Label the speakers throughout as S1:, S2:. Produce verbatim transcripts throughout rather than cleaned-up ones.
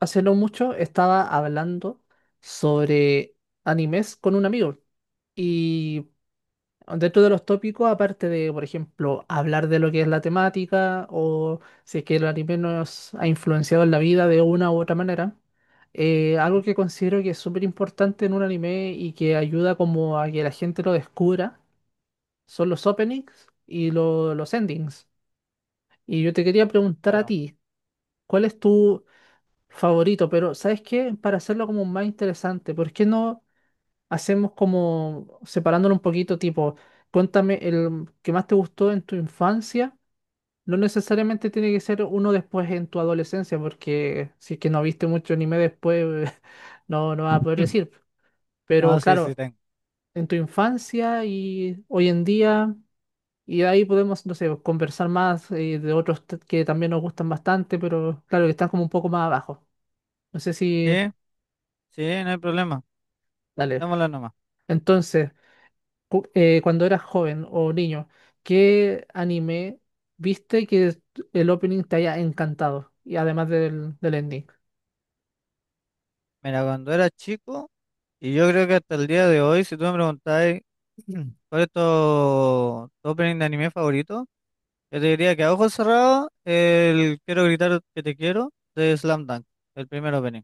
S1: Hace no mucho estaba hablando sobre animes con un amigo y dentro de los tópicos, aparte de, por ejemplo, hablar de lo que es la temática o si es que el anime nos ha influenciado en la vida de una u otra manera, eh, algo
S2: Mm.
S1: que considero que es súper importante en un anime y que ayuda como a que la gente lo descubra son los openings y lo- los endings. Y yo te quería preguntar a
S2: Claro.
S1: ti, ¿cuál es tu favorito? Pero ¿sabes qué? Para hacerlo como más interesante, ¿por qué no hacemos como separándolo un poquito, tipo, cuéntame el que más te gustó en tu infancia? No necesariamente tiene que ser uno después en tu adolescencia, porque si es que no viste mucho anime después, no, no vas a poder decir. Pero
S2: No, sí, sí
S1: claro,
S2: tengo.
S1: en tu infancia y hoy en día, y ahí podemos, no sé, conversar más eh, de otros t- que también nos gustan bastante, pero claro, que están como un poco más abajo. No sé
S2: Sí,
S1: si...
S2: sí, no hay problema.
S1: Dale.
S2: Démosla nomás.
S1: Entonces, cu- eh, cuando eras joven o niño, ¿qué anime viste que el opening te haya encantado? Y además del, del ending.
S2: Mira, cuando era chico, y yo creo que hasta el día de hoy, si tú me preguntáis cuál es tu, tu opening de anime favorito, yo te diría que a ojos cerrados, el Quiero gritar que te quiero de Slam Dunk, el primer opening,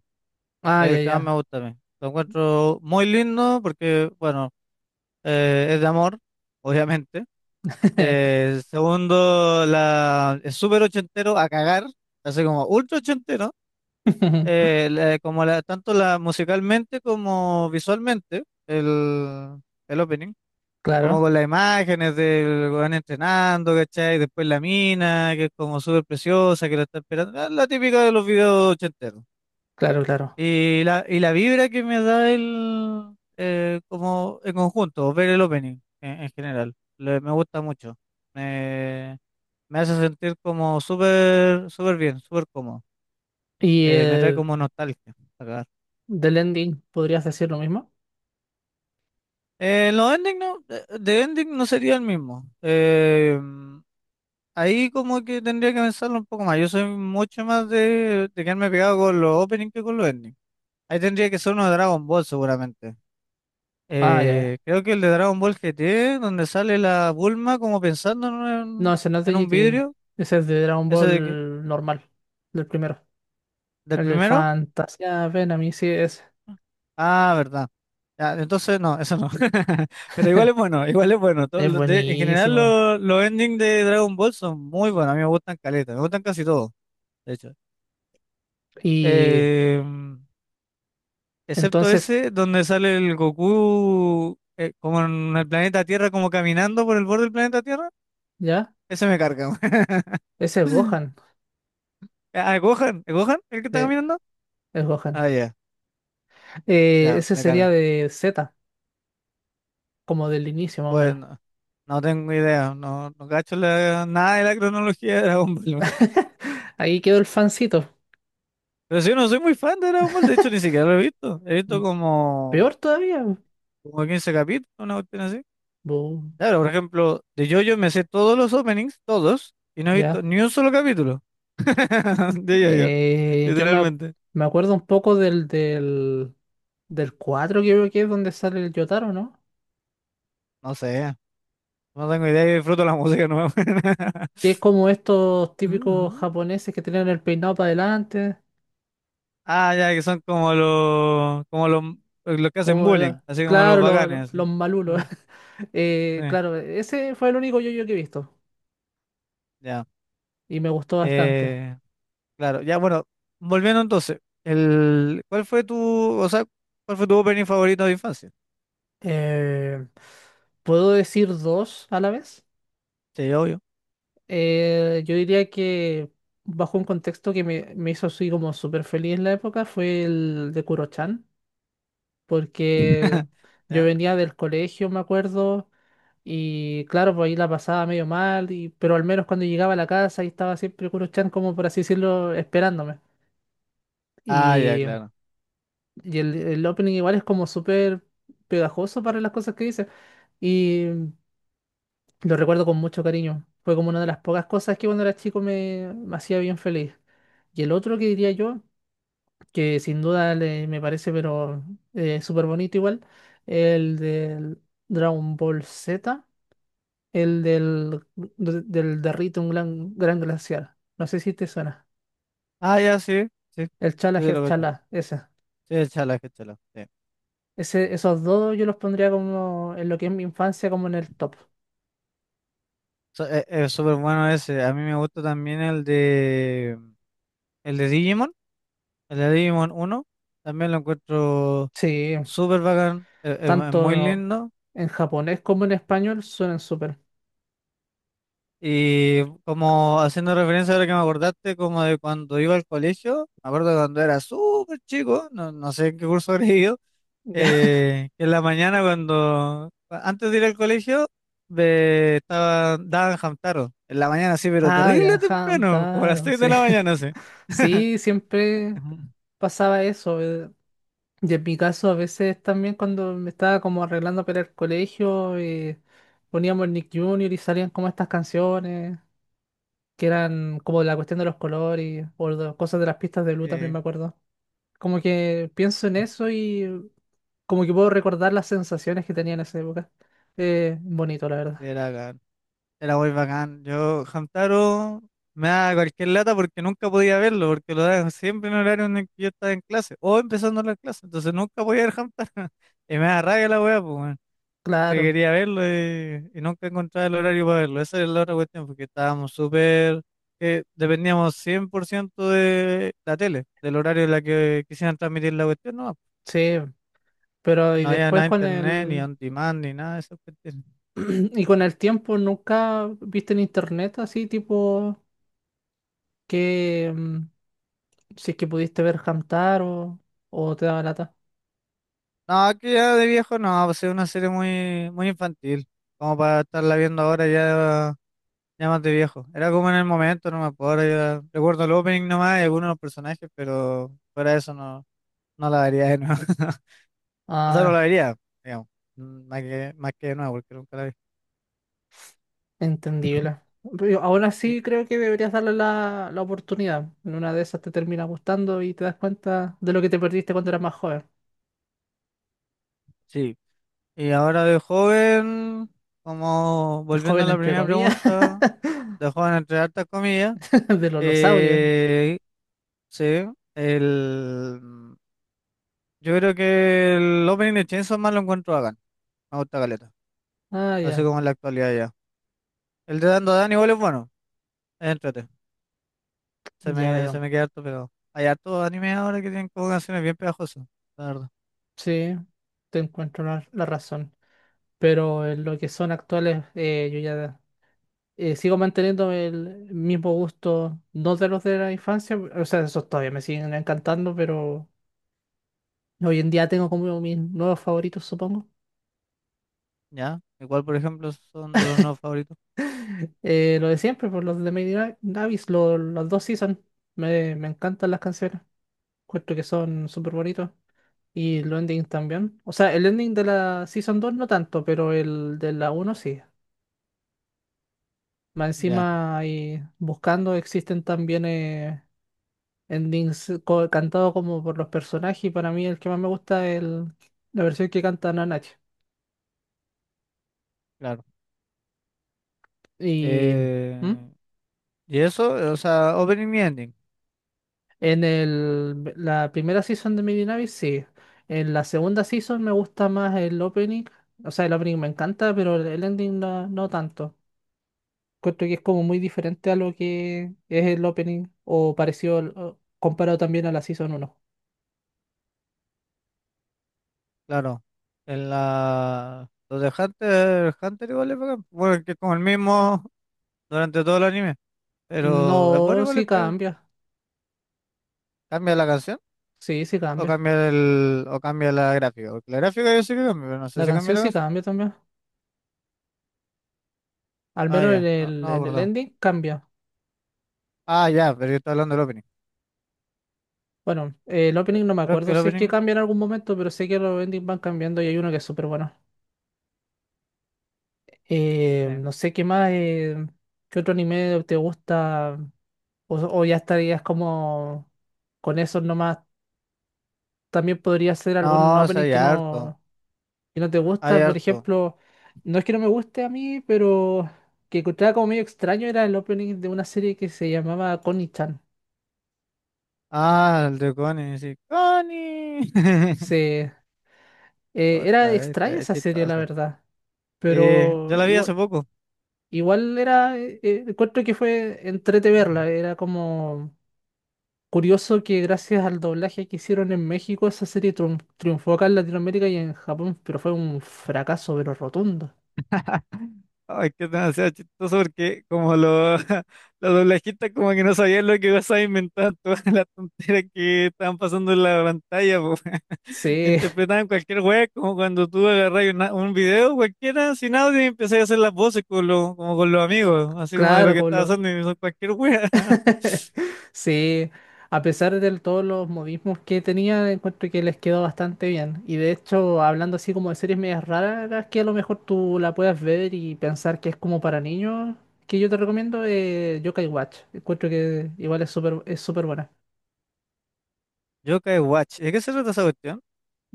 S1: Ah,
S2: es
S1: ya,
S2: el que más me
S1: ya.
S2: gusta a mí. Lo encuentro muy lindo porque, bueno, eh, es de amor, obviamente. Eh, segundo, la, es súper ochentero a cagar, así como ultra ochentero, eh, la- como la, tanto la musicalmente como visualmente, el, el opening, como
S1: Claro,
S2: con las imágenes del weón entrenando, ¿cachai? Después la mina, que es como súper preciosa, que la está esperando, la, la típica de los videos ochenteros.
S1: claro, claro.
S2: Y la, y la vibra que me da el, eh, como en conjunto, ver el opening en, en general, Le- me gusta mucho. Me- me hace sentir como súper, súper bien, súper cómodo.
S1: ¿Y
S2: Eh, me trae
S1: eh,
S2: como nostalgia a cagar.
S1: del ending podrías decir lo mismo?
S2: Eh, los ending no, eh, de ending no sería el mismo. Eh, ahí como que tendría que pensarlo un poco más. Yo soy mucho más de, de quedarme pegado con los openings que con los endings. Ahí tendría que ser uno de Dragon Ball seguramente.
S1: Ah, ya, ya.
S2: Eh, creo que el de Dragon Ball G T, donde sale la Bulma como pensando en,
S1: No,
S2: un
S1: ese no es de
S2: en
S1: G
S2: un
S1: GT.
S2: vidrio,
S1: Ese es de Dragon
S2: ese de que-
S1: Ball normal, del primero.
S2: del
S1: El del
S2: primero.
S1: Fantasía, ven a mí, sí, es,
S2: Ah, verdad. Ah, entonces, no, eso no. Pero igual es bueno, igual es bueno. Todo
S1: es
S2: lo de- en general,
S1: buenísimo.
S2: lo- los endings de Dragon Ball son muy buenos. A mí me gustan caleta, me gustan casi todos, de hecho.
S1: Y
S2: Em, Excepto
S1: entonces,
S2: ese donde sale el Goku eh, como en el planeta Tierra, como caminando por el borde del planeta Tierra.
S1: ¿ya?
S2: Ese me carga.
S1: Ese es
S2: Weón.
S1: Gohan.
S2: Ah, Gohan, ¿es Gohan el que está caminando?
S1: El Gohan.
S2: Ah, ya,
S1: Eh,
S2: ya,
S1: ese
S2: me
S1: sería
S2: carga.
S1: de Z, como del inicio más o menos.
S2: Bueno, no tengo idea, no, no cacho la- nada de la cronología de Dragon Ball.
S1: Ahí quedó el fancito.
S2: Pero si yo no soy muy fan de Dragon Ball, de hecho ni siquiera lo he visto. He visto
S1: Mm,
S2: como,
S1: peor todavía.
S2: como quince capítulos, una cuestión así.
S1: Bu,
S2: Claro, por ejemplo, de JoJo me sé todos los openings, todos, y no he visto
S1: ya.
S2: ni un solo capítulo de JoJo,
S1: Eh, yo me, ac-
S2: literalmente.
S1: Me acuerdo un poco del, del, del cuatro, creo que es donde sale el Yotaro, ¿no?
S2: No sé, no tengo idea, yo disfruto la música nueva.
S1: Que es como estos típicos
S2: Ujú.
S1: japoneses que tenían el peinado para adelante.
S2: Ah, ya, que son como los, como los, los que hacen
S1: Como,
S2: bullying,
S1: la-
S2: así como los
S1: claro, lo- lo-
S2: bacanes, así.
S1: los malulos.
S2: Mm,
S1: Eh,
S2: sí,
S1: claro, ese fue el único yo-yo que he visto.
S2: ya.
S1: Y me gustó bastante.
S2: Eh, Claro, ya bueno, volviendo entonces, el, ¿cuál fue tu, o sea, cuál fue tu opening favorito de infancia?
S1: Eh, ¿puedo decir dos a la vez?
S2: Sí, obvio.
S1: Eh, yo diría que bajo un contexto que me, me hizo así como súper feliz en la época fue el de Kurochan, porque yo
S2: ¿Ya?
S1: venía del colegio, me acuerdo, y claro, pues ahí la pasaba medio mal, y, pero al menos cuando llegaba a la casa ahí estaba siempre Kurochan como por así decirlo, esperándome.
S2: Ah, ya,
S1: Y,
S2: claro.
S1: y el, el opening igual es como súper pegajoso para las cosas que dice. Y lo recuerdo con mucho cariño. Fue como una de las pocas cosas que cuando era chico me, me hacía bien feliz. Y el otro que diría yo, que sin duda le- me parece, pero eh, súper bonito igual, el del Dragon Ball Z, el del, de- del Derrite un gran, gran glaciar. No sé si te suena.
S2: Ah, ya, sí, sí, sí,
S1: El Chala
S2: sí,
S1: Head
S2: lo cacho.
S1: Chala, ese.
S2: Sí, es chala, es chala, sí.
S1: Ese, esos dos yo los pondría como en lo que es mi infancia, como en el top.
S2: So- es, es súper bueno ese. A mí me gusta también el de, el de Digimon, el de Digimon uno, también lo encuentro
S1: Sí,
S2: súper bacán, es, es- es muy
S1: tanto
S2: lindo.
S1: en japonés como en español suenan súper.
S2: Y como haciendo referencia a lo que me acordaste, como de cuando iba al colegio, me acuerdo cuando era súper chico, no, no sé en qué curso habré ido, eh, que en la mañana cuando, antes de ir al colegio, ve- estaba, daban Hamtaro, en la mañana sí, pero
S1: Ah,
S2: terrible
S1: ya,
S2: temprano, como a las
S1: Hamtaro,
S2: seis
S1: sí.
S2: de la mañana, sí.
S1: Sí, siempre
S2: Ujú.
S1: pasaba eso. eh, Y en mi caso, a veces también cuando me estaba como arreglando para el colegio, eh, poníamos el Nick Junior y salían como estas canciones, que eran como la cuestión de los colores, o de- cosas de las pistas de blue también
S2: Eh,
S1: me acuerdo. Como que pienso en eso y como que puedo recordar las sensaciones que tenía en esa época. Eh, bonito, la verdad.
S2: era Era muy bacán. Yo, Hamtaro, me da cualquier lata porque nunca podía verlo, porque lo daban siempre en horario en el que yo estaba en clase, o empezando las clases, entonces nunca podía ver Hamtaro. Y me da rabia la wea, pues, weón, porque
S1: Claro,
S2: quería verlo y, y nunca encontraba el horario para verlo. Esa es la otra cuestión, porque estábamos súper, que dependíamos cien por ciento de la tele, del horario en la que quisieran transmitir la cuestión, no.
S1: sí. Pero y
S2: No había nada
S1: después
S2: de
S1: con
S2: internet, ni
S1: el
S2: on demand, ni nada de eso.
S1: y con el tiempo nunca viste en internet así, tipo, que mm, si es que pudiste ver cantar o, o te daba lata.
S2: No, que ya de viejo no, pues es una serie muy, muy infantil, como para estarla viendo ahora ya, ya más de viejo. Era como en el momento, no me acuerdo, ahora ya recuerdo el opening nomás y algunos de los personajes, pero fuera de eso no, no la vería de nuevo. O sea, no la
S1: Ah,
S2: vería, digamos, mm, más que, más que de nuevo, porque nunca la vi.
S1: entendible. Pero aún
S2: Y-
S1: así creo que deberías darle la, la oportunidad. En una de esas te termina gustando y te das cuenta de lo que te perdiste cuando eras más joven.
S2: sí, y ahora de joven, como
S1: De
S2: volviendo a
S1: joven,
S2: la
S1: entre
S2: primera
S1: comillas,
S2: pregunta, de joven entre hartas comillas,
S1: de los losaurios.
S2: eh, sí, el... Yo creo que el opening de Chainsaw Man lo encuentro bacán. Me gusta caleta.
S1: Ah,
S2: Así
S1: ya,
S2: como en la actualidad ya. El de Dando Dan igual es bueno. Entrate. Se
S1: ya
S2: me, se
S1: veo.
S2: me queda harto, pero hay harto anime ahora que tienen como canciones bien pegajosas. La verdad.
S1: Sí, te encuentro la, la razón. Pero en lo que son actuales, eh, yo ya eh, sigo manteniendo el mismo gusto, no de los de la infancia, o sea, esos todavía me siguen encantando, pero hoy en día tengo como mis nuevos favoritos, supongo.
S2: Ya. Igual, por ejemplo, son de los nuevos favoritos.
S1: Eh, lo de siempre, por los de Lady Ga- Gavis, lo- los dos season, me, me encantan las canciones, puesto que son súper bonitos. Y los endings también. O sea, el ending de la Season dos no tanto, pero el de la uno sí. Más
S2: Ya,
S1: encima, ahí buscando, existen también eh, endings co- cantado como por los personajes y para mí el que más me gusta es el- la versión que canta Nanache.
S2: claro.
S1: Y ¿Mm?
S2: Eh, y eso, o sea, opening y ending.
S1: En el, la primera season de Midnight sí. En la segunda season me gusta más el opening. O sea, el opening me encanta, pero el el ending no, no tanto. Creo que es como muy diferente a lo que es el opening o parecido al- o comparado también a la season uno.
S2: Claro. En la. Los de Hunter, Hunter igual es bacán. Bueno, que es como el mismo durante todo el anime. Pero es bueno
S1: No,
S2: igual es
S1: sí
S2: peor.
S1: cambia.
S2: Cambia la canción.
S1: Sí, sí
S2: O
S1: cambia.
S2: cambia el, o cambia la gráfica. Porque la gráfica yo sé que cambia, pero no
S1: La
S2: sé si cambia
S1: canción
S2: la
S1: sí
S2: canción.
S1: cambia también. Al
S2: Ah,
S1: menos en
S2: ya. No,
S1: el,
S2: no me
S1: en el
S2: acuerdo.
S1: ending cambia.
S2: Ah, ya, pero yo estaba hablando del opening.
S1: Bueno, eh, el opening no me
S2: Creo que
S1: acuerdo
S2: el
S1: si es que
S2: opening.
S1: cambia en algún momento, pero sé que los endings van cambiando y hay uno que es súper bueno. Eh,
S2: Sí.
S1: no sé qué más, eh, qué otro anime te gusta o, o ya estarías como con eso nomás. También podría ser algún
S2: No, o sea,
S1: opening
S2: hay
S1: que
S2: harto.
S1: no, que no te
S2: Hay
S1: gusta. Por
S2: harto.
S1: ejemplo, no es que no me guste a mí, pero que encontraba como medio extraño era el opening de una serie que se llamaba Connie-chan.
S2: Ah, el de Connie, sí. ¡Connie!
S1: Se, eh, era
S2: Otra vez,
S1: extraña
S2: es
S1: esa serie, la
S2: chistoso.
S1: verdad.
S2: Eh, yo
S1: Pero
S2: la vi hace
S1: igual,
S2: poco.
S1: igual era, eh, eh, encuentro que fue entrete verla, era como curioso que gracias al doblaje que hicieron en México, esa serie triun- triunfó acá en Latinoamérica y en Japón, pero fue un fracaso, pero rotundo.
S2: Ay, que es demasiado chistoso porque como lo, la doblajita como que no sabía lo que ibas a inventar, todas las tonteras que estaban pasando en la pantalla, po.
S1: Sí,
S2: Interpretaban cualquier wea, como cuando tú agarras una- un video cualquiera sin audio y empezás a hacer las voces con los, como con los amigos, así como de lo
S1: claro,
S2: que estaba
S1: como
S2: haciendo y son cualquier wea.
S1: sí, a pesar de todos los modismos que tenía, encuentro que les quedó bastante bien. Y de hecho, hablando así como de series medias raras, que a lo mejor tú la puedas ver y pensar que es como para niños, que yo te recomiendo eh, Yokai Watch. Encuentro que igual es súper es súper buena.
S2: Yokai Watch, ¿de qué se trata esa cuestión?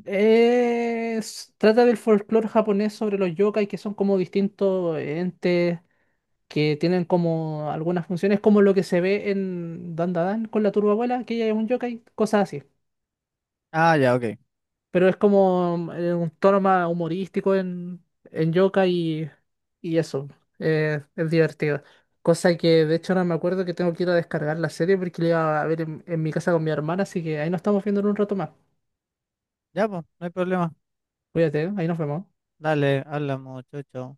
S1: Es- trata del folclore japonés sobre los yokai, que son como distintos entes que tienen como algunas funciones, como lo que se ve en Dandadan con la turbabuela, que ella es un yokai, cosas así.
S2: Ah, ya, ok.
S1: Pero es como eh, un tono más humorístico en, en Yoka y, y eso, eh, es divertido. Cosa que de hecho ahora me acuerdo que tengo que ir a descargar la serie porque la iba a ver en, en mi casa con mi hermana, así que ahí nos estamos viendo en un rato más.
S2: Ya, pues, no hay problema.
S1: Cuídate, ¿eh? Ahí nos vemos.
S2: Dale, habla mucho,